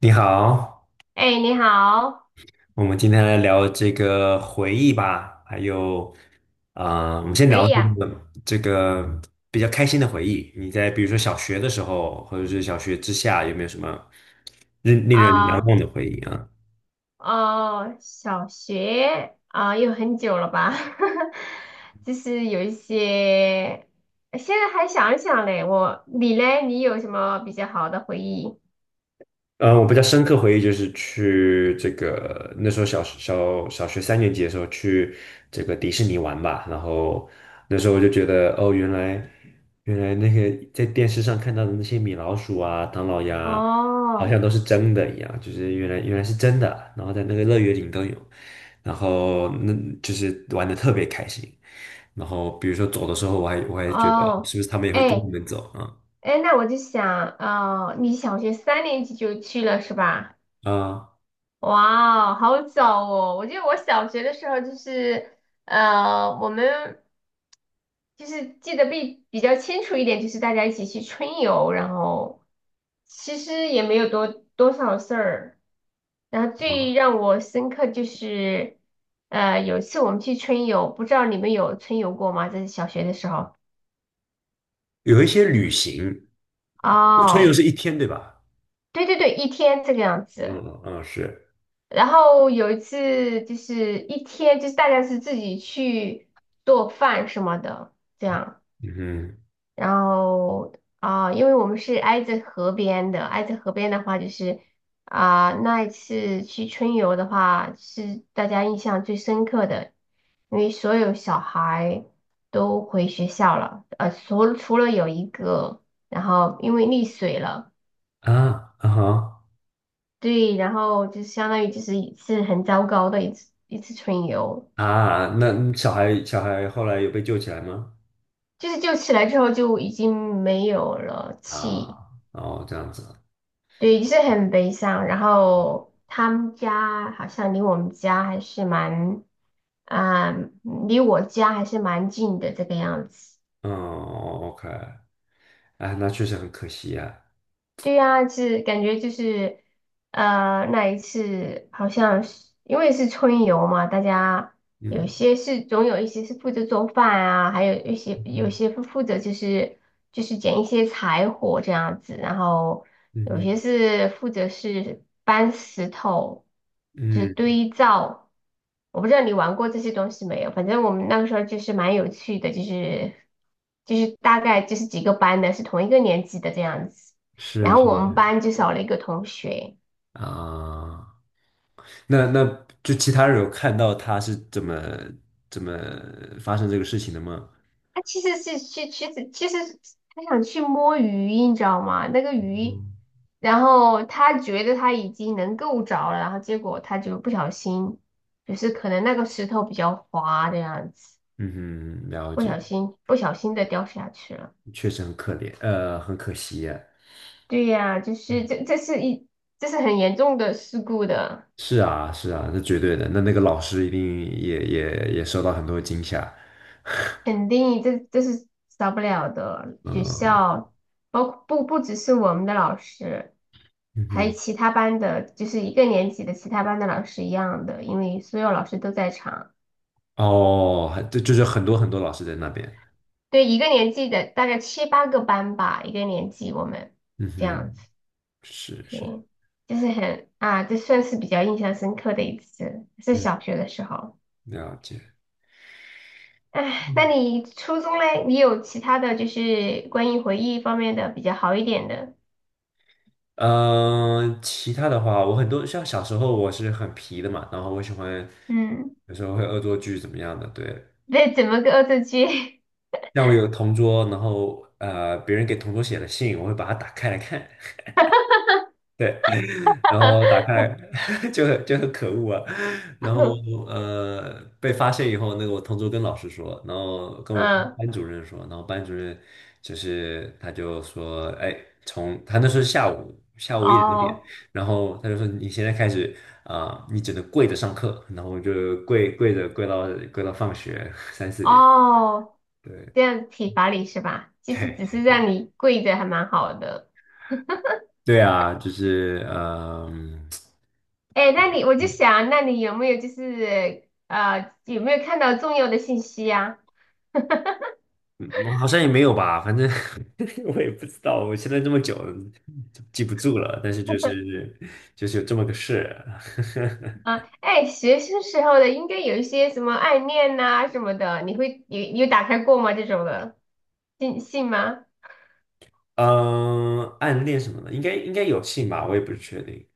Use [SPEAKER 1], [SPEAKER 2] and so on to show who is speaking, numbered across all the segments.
[SPEAKER 1] 你好，
[SPEAKER 2] 哎，你好，
[SPEAKER 1] 我们今天来聊这个回忆吧，还有，我们先
[SPEAKER 2] 可
[SPEAKER 1] 聊
[SPEAKER 2] 以
[SPEAKER 1] 这
[SPEAKER 2] 呀、
[SPEAKER 1] 个这个比较开心的回忆。你在比如说小学的时候，或者是小学之下，有没有什么令人难
[SPEAKER 2] 啊，
[SPEAKER 1] 忘的回忆啊？
[SPEAKER 2] 哦，小学啊，又很久了吧？就是有一些，现在还想一想嘞。我，你嘞，你有什么比较好的回忆？
[SPEAKER 1] 嗯，我比较深刻回忆就是去这个那时候小学3年级的时候去这个迪士尼玩吧，然后那时候我就觉得哦，原来那个在电视上看到的那些米老鼠啊、唐老鸭啊，好
[SPEAKER 2] 哦，
[SPEAKER 1] 像都是真的一样，就是原来是真的，然后在那个乐园里都有，然后那就是玩的特别开心，然后比如说走的时候，我还觉得
[SPEAKER 2] 哦，
[SPEAKER 1] 是不是他们也会跟
[SPEAKER 2] 哎，
[SPEAKER 1] 我们走啊
[SPEAKER 2] 哎，那我就想，哦，你小学三年级就去了是吧？
[SPEAKER 1] 啊。
[SPEAKER 2] 哇哦好早哦！我记得我小学的时候就是，呃，我们。就是记得比较清楚一点，就是大家一起去春游，然后其实也没有多少事儿。然后最让我深刻就是，有一次我们去春游，不知道你们有春游过吗？这是小学的时候。
[SPEAKER 1] 有一些旅行，春游
[SPEAKER 2] 哦，
[SPEAKER 1] 是一天对吧？
[SPEAKER 2] 对对对，一天这个样子。
[SPEAKER 1] 嗯嗯是，
[SPEAKER 2] 然后有一次就是一天，就是大家是自己去做饭什么的，这样。
[SPEAKER 1] 嗯
[SPEAKER 2] 然后因为我们是挨着河边的，挨着河边的话，就是那一次去春游的话，是大家印象最深刻的，因为所有小孩都回学校了，除了有一个，然后因为溺水了，
[SPEAKER 1] 哼啊啊哈
[SPEAKER 2] 对，然后就相当于就是一次很糟糕的一次春游，
[SPEAKER 1] 啊，那小孩后来有被救起来吗？
[SPEAKER 2] 就是救起来之后就已经没有了气。
[SPEAKER 1] 啊，哦这样子，
[SPEAKER 2] 对，就是很悲伤。然后他们家好像离我们家还是蛮，啊、嗯离我家还是蛮近的这个样子。
[SPEAKER 1] 嗯，OK，哎，那确实很可惜呀、
[SPEAKER 2] 对呀，是感觉就是，那一次好像是因为是春游嘛，大家有
[SPEAKER 1] 嗯
[SPEAKER 2] 些是总有一些是负责做饭啊，还有一些有
[SPEAKER 1] 嗯
[SPEAKER 2] 些负责就是捡一些柴火这样子，然后
[SPEAKER 1] 嗯
[SPEAKER 2] 有
[SPEAKER 1] 哼
[SPEAKER 2] 些是负责是搬石头，就是
[SPEAKER 1] 嗯，
[SPEAKER 2] 堆灶。我不知道你玩过这些东西没有，反正我们那个时候就是蛮有趣的，就是大概就是几个班的是同一个年级的这样子。
[SPEAKER 1] 是
[SPEAKER 2] 然后
[SPEAKER 1] 是
[SPEAKER 2] 我们
[SPEAKER 1] 是
[SPEAKER 2] 班就少了一个同学，
[SPEAKER 1] 啊，那就其他人有看到他是怎么发生这个事情的吗？
[SPEAKER 2] 他其实他想去摸鱼，你知道吗？那个鱼，
[SPEAKER 1] 嗯
[SPEAKER 2] 然后他觉得他已经能够着了，然后结果他就不小心，就是可能那个石头比较滑的样子，
[SPEAKER 1] 嗯哼，了
[SPEAKER 2] 不
[SPEAKER 1] 解，
[SPEAKER 2] 小心不小心的掉下去了。
[SPEAKER 1] 确实很可怜，很可惜呀、
[SPEAKER 2] 对呀，就是这是很严重的事故的。
[SPEAKER 1] 是啊，是啊，那绝对的。那个老师一定也受到很多惊吓。
[SPEAKER 2] 肯定这是少不了的。学
[SPEAKER 1] 嗯
[SPEAKER 2] 校包括不只是我们的老师，还有
[SPEAKER 1] 嗯
[SPEAKER 2] 其他班的，就是一个年级的其他班的老师一样的，因为所有老师都在场。
[SPEAKER 1] 哼，哦，还对，就是很多很多老师在那边。
[SPEAKER 2] 对，一个年级的大概七八个班吧，一个年级我们
[SPEAKER 1] 嗯
[SPEAKER 2] 这样
[SPEAKER 1] 哼，
[SPEAKER 2] 子，
[SPEAKER 1] 是
[SPEAKER 2] 对，
[SPEAKER 1] 是，
[SPEAKER 2] 就是很啊，这算是比较印象深刻的一次，是
[SPEAKER 1] 嗯，
[SPEAKER 2] 小学的时候。
[SPEAKER 1] 了解。
[SPEAKER 2] 哎，那你初中嘞，你有其他的就是关于回忆方面的比较好一点的，
[SPEAKER 1] 嗯，其他的话，我很多像小时候我是很皮的嘛，然后我喜欢
[SPEAKER 2] 嗯。
[SPEAKER 1] 有时候会恶作剧怎么样的。对，
[SPEAKER 2] 那怎么个恶作剧？
[SPEAKER 1] 像我有个同桌，然后别人给同桌写了信，我会把它打开来看。对，然后打开 就很可恶啊，然后 被发现以后，那个我同桌跟老师说，然后跟我们
[SPEAKER 2] 嗯，
[SPEAKER 1] 班主任说，然后班主任就是他就说，哎，从他那时候是下午1、2点，
[SPEAKER 2] 哦
[SPEAKER 1] 然后他就说你现在开始你只能跪着上课，然后我就跪着跪到放学3、4点，
[SPEAKER 2] 哦，
[SPEAKER 1] 对
[SPEAKER 2] 这样体罚你是吧？其实
[SPEAKER 1] 对
[SPEAKER 2] 只
[SPEAKER 1] 对
[SPEAKER 2] 是
[SPEAKER 1] 对，
[SPEAKER 2] 让你跪着，还蛮好的。
[SPEAKER 1] 对啊，就是
[SPEAKER 2] 哎，那你我就
[SPEAKER 1] 嗯。
[SPEAKER 2] 想，那你有没有就是有没有看到重要的信息呀、
[SPEAKER 1] 嗯，我好像也没有吧，反正 我也不知道，我现在这么久就记不住了，但是就是有这么个事，
[SPEAKER 2] 啊？啊，哎，学生时候的应该有一些什么暗恋呐、什么的，你会有打开过吗？这种的信吗？
[SPEAKER 1] 嗯，暗恋什么的，应该有信吧，我也不是确定，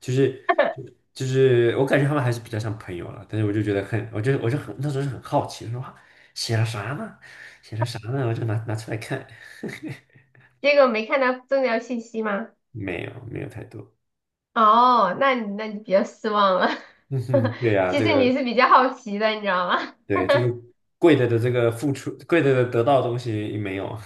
[SPEAKER 1] 就是就就是我感觉他们还是比较像朋友了，但是我就觉得很，我就很那时候是很好奇，说哇写了啥呢？写了啥呢？我就拿出来看，
[SPEAKER 2] 结果没看到重要信息吗？
[SPEAKER 1] 没有没有太多，
[SPEAKER 2] 哦，那你比较失望了。
[SPEAKER 1] 嗯 哼，对呀、
[SPEAKER 2] 其
[SPEAKER 1] 这
[SPEAKER 2] 实你
[SPEAKER 1] 个
[SPEAKER 2] 是比较好奇的，你知道吗？
[SPEAKER 1] 对这个贵的这个付出，贵的得到的东西没有。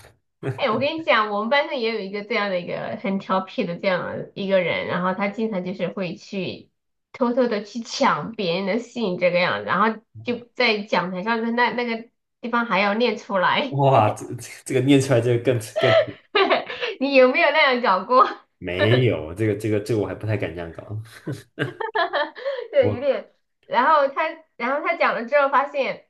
[SPEAKER 2] 哎，我跟你讲，我们班上也有一个这样的一个很调皮的这样的一个人，然后他经常就是会去偷偷的去抢别人的信这个样子，然后就在讲台上的那个地方还要念出来。
[SPEAKER 1] 哇，这个念出来这个更
[SPEAKER 2] 你有没有那样搞过？
[SPEAKER 1] 没有，这个我还不太敢这样搞。
[SPEAKER 2] 对，有
[SPEAKER 1] 我
[SPEAKER 2] 点。然后他，然后他讲了之后发现，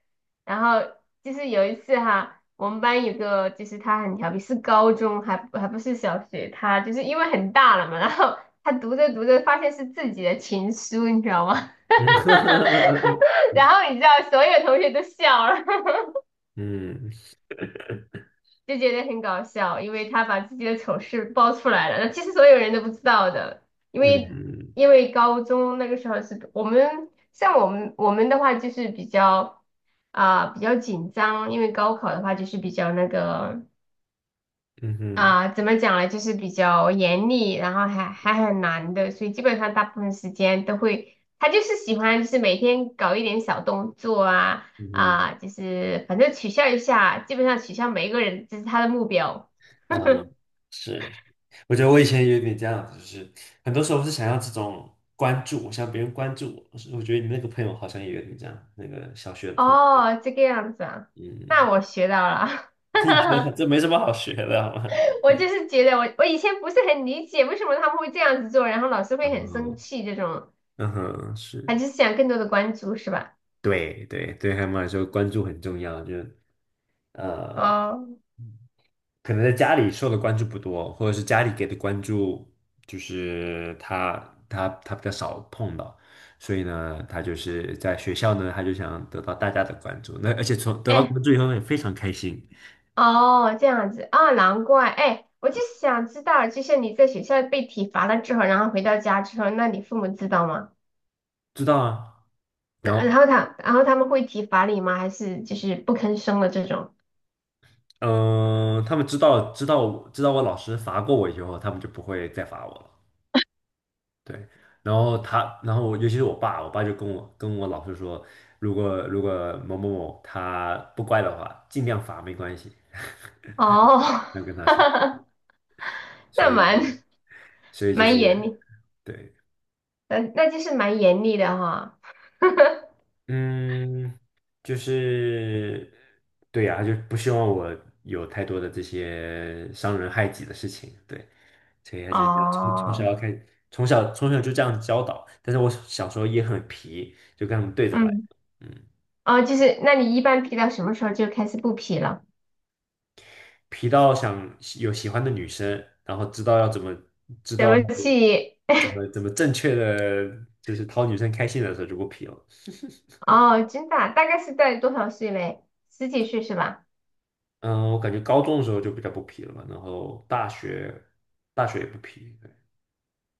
[SPEAKER 2] 然后就是有一次哈，我们班有个就是他很调皮，是高中还不是小学，他就是因为很大了嘛，然后他读着读着发现是自己的情书，你知道吗？
[SPEAKER 1] 嗯
[SPEAKER 2] 然后你知道所有同学都笑了，
[SPEAKER 1] 嗯
[SPEAKER 2] 就觉得很搞笑，因为他把自己的丑事爆出来了，那其实所有人都不知道的，因为
[SPEAKER 1] 嗯
[SPEAKER 2] 因为高中那个时候是我们像我们的话就是比较比较紧张，因为高考的话就是比较那个。
[SPEAKER 1] 嗯哼
[SPEAKER 2] 怎么讲呢？就是比较严厉，然后还很难的，所以基本上大部分时间都会，他就是喜欢就是每天搞一点小动作啊
[SPEAKER 1] 嗯
[SPEAKER 2] 啊、就是反正取笑一下，基本上取笑每一个人，这是他的目标。
[SPEAKER 1] 哼啊，是，我觉得我以
[SPEAKER 2] 其
[SPEAKER 1] 前也有点这样，就是很多时候是想要这种关注，我想别人关注我。我觉得你那个朋友好像也有点这样，那个小学的同学，
[SPEAKER 2] 哦，这个样子啊，
[SPEAKER 1] 嗯，
[SPEAKER 2] 那我学到了。
[SPEAKER 1] 你觉得这没什么好学的，好吗？
[SPEAKER 2] 我就是觉得我以前不是很理解为什么他们会这样子做，然后老师会很生
[SPEAKER 1] 哦，
[SPEAKER 2] 气这种，
[SPEAKER 1] 嗯哼，
[SPEAKER 2] 他
[SPEAKER 1] 是，
[SPEAKER 2] 就是想更多的关注是吧？
[SPEAKER 1] 对对对，还有来说，关注很重要，就呃，
[SPEAKER 2] 哦，
[SPEAKER 1] 可能在家里受的关注不多，或者是家里给的关注，就是他比较少碰到，所以呢，他就是在学校呢，他就想得到大家的关注，那而且从得到
[SPEAKER 2] 哎，
[SPEAKER 1] 关注以后呢，也非常开心，
[SPEAKER 2] 哦，这样子啊，难怪。哎，我就想知道，就像你在学校被体罚了之后，然后回到家之后，那你父母知道吗？
[SPEAKER 1] 知道啊，
[SPEAKER 2] 那
[SPEAKER 1] 然后
[SPEAKER 2] 然后他们会体罚你吗？还是就是不吭声的这种？
[SPEAKER 1] 嗯、他们知道我知道我老师罚过我以后，他们就不会再罚我了，对，然后他，然后尤其是我爸，就跟我老师说，如果某某某他不乖的话，尽量罚没关系。
[SPEAKER 2] 哦，
[SPEAKER 1] 能跟他说，所
[SPEAKER 2] 那
[SPEAKER 1] 以
[SPEAKER 2] 蛮
[SPEAKER 1] 所以就
[SPEAKER 2] 蛮严
[SPEAKER 1] 是
[SPEAKER 2] 厉，
[SPEAKER 1] 对，
[SPEAKER 2] 那就是蛮严厉的哈。
[SPEAKER 1] 嗯，就是对呀、他就不希望我有太多的这些伤人害己的事情，对，所以他就要从小
[SPEAKER 2] 哦，
[SPEAKER 1] 要开，从小就这样教导，但是我小时候也很皮，就跟他们对着来，
[SPEAKER 2] 嗯，
[SPEAKER 1] 嗯，
[SPEAKER 2] 哦，就是那你一般皮到什么时候就开始不皮了？
[SPEAKER 1] 皮到想有喜欢的女生，然后知道要怎么知
[SPEAKER 2] 怎
[SPEAKER 1] 道
[SPEAKER 2] 么去？
[SPEAKER 1] 怎么正确的，就是讨女生开心的时候就不皮了。
[SPEAKER 2] 哦，真的啊大概是在多少岁嘞？十几岁是吧？
[SPEAKER 1] 嗯，我感觉高中的时候就比较不皮了嘛，然后大学也不皮，对，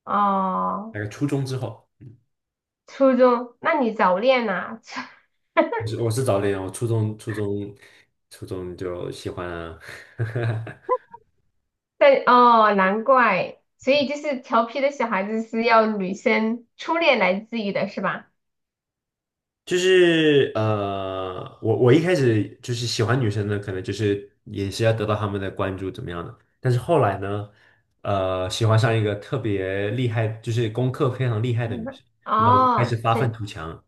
[SPEAKER 2] 哦。
[SPEAKER 1] 大概初中之后，
[SPEAKER 2] 初中，那你早恋呐、
[SPEAKER 1] 我是早恋，我初中就喜欢啊，
[SPEAKER 2] 但哦，难怪，所以就是调皮的小孩子是要女生初恋来治愈的，是吧？
[SPEAKER 1] 就是我一开始就是喜欢女生呢，可能就是也是要得到她们的关注怎么样的，但是后来呢，喜欢上一个特别厉害，就是功课非常厉害的女
[SPEAKER 2] 嗯
[SPEAKER 1] 生，那开始
[SPEAKER 2] 哦，
[SPEAKER 1] 发愤图强，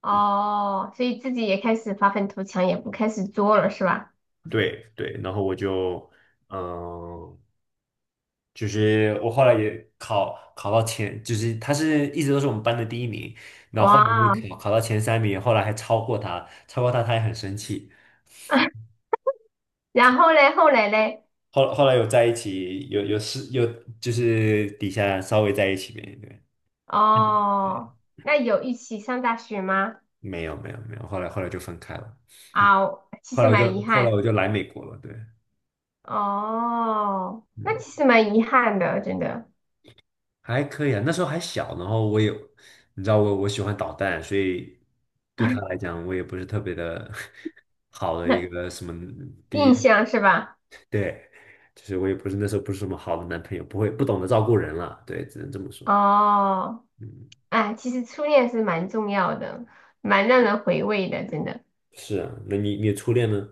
[SPEAKER 2] 哦，所以自己也开始发愤图强，也不开始作了，是吧？
[SPEAKER 1] 对对，然后我就。嗯，就是我后来也考到前，就是他是一直都是我们班的第一名，然后后来
[SPEAKER 2] 哇，
[SPEAKER 1] 就考到前3名，后来还超过他，超过他他也很生气。
[SPEAKER 2] 然后嘞，后来嘞？
[SPEAKER 1] 后来有在一起，有就是底下稍微在一起呗，对，嗯。
[SPEAKER 2] 哦，那有一起上大学吗？
[SPEAKER 1] 没有没有没有，后来就分开了，嗯，
[SPEAKER 2] 啊，其
[SPEAKER 1] 后
[SPEAKER 2] 实
[SPEAKER 1] 来我就
[SPEAKER 2] 蛮遗
[SPEAKER 1] 后来
[SPEAKER 2] 憾。
[SPEAKER 1] 我就来美国了，对，
[SPEAKER 2] 哦，那
[SPEAKER 1] 嗯。
[SPEAKER 2] 其实蛮遗憾的，真的。
[SPEAKER 1] 还可以啊，那时候还小，然后我也，你知道我喜欢捣蛋，所以对他来讲，我也不是特别的 好的一 个什么第一，
[SPEAKER 2] 印象是吧？
[SPEAKER 1] 对，就是我也不是那时候不是什么好的男朋友，不会不懂得照顾人了，对，只能这么说。
[SPEAKER 2] 哦，
[SPEAKER 1] 嗯，
[SPEAKER 2] 哎，其实初恋是蛮重要的，蛮让人回味的，真的。
[SPEAKER 1] 是啊，那你初恋呢？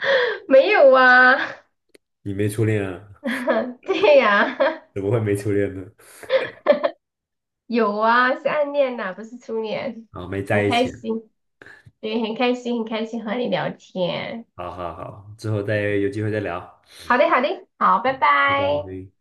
[SPEAKER 2] 没有啊，
[SPEAKER 1] 你没初恋啊？
[SPEAKER 2] 对呀、
[SPEAKER 1] 怎么会没初恋呢？
[SPEAKER 2] 有啊，是暗恋呐、不是初恋。
[SPEAKER 1] 啊，没在
[SPEAKER 2] 很
[SPEAKER 1] 一
[SPEAKER 2] 开
[SPEAKER 1] 起。
[SPEAKER 2] 心，对，很开心，很开心和你聊天。
[SPEAKER 1] 好好好，之后再有机会再聊，
[SPEAKER 2] 好的，好的，好，拜
[SPEAKER 1] 拜
[SPEAKER 2] 拜。
[SPEAKER 1] 拜。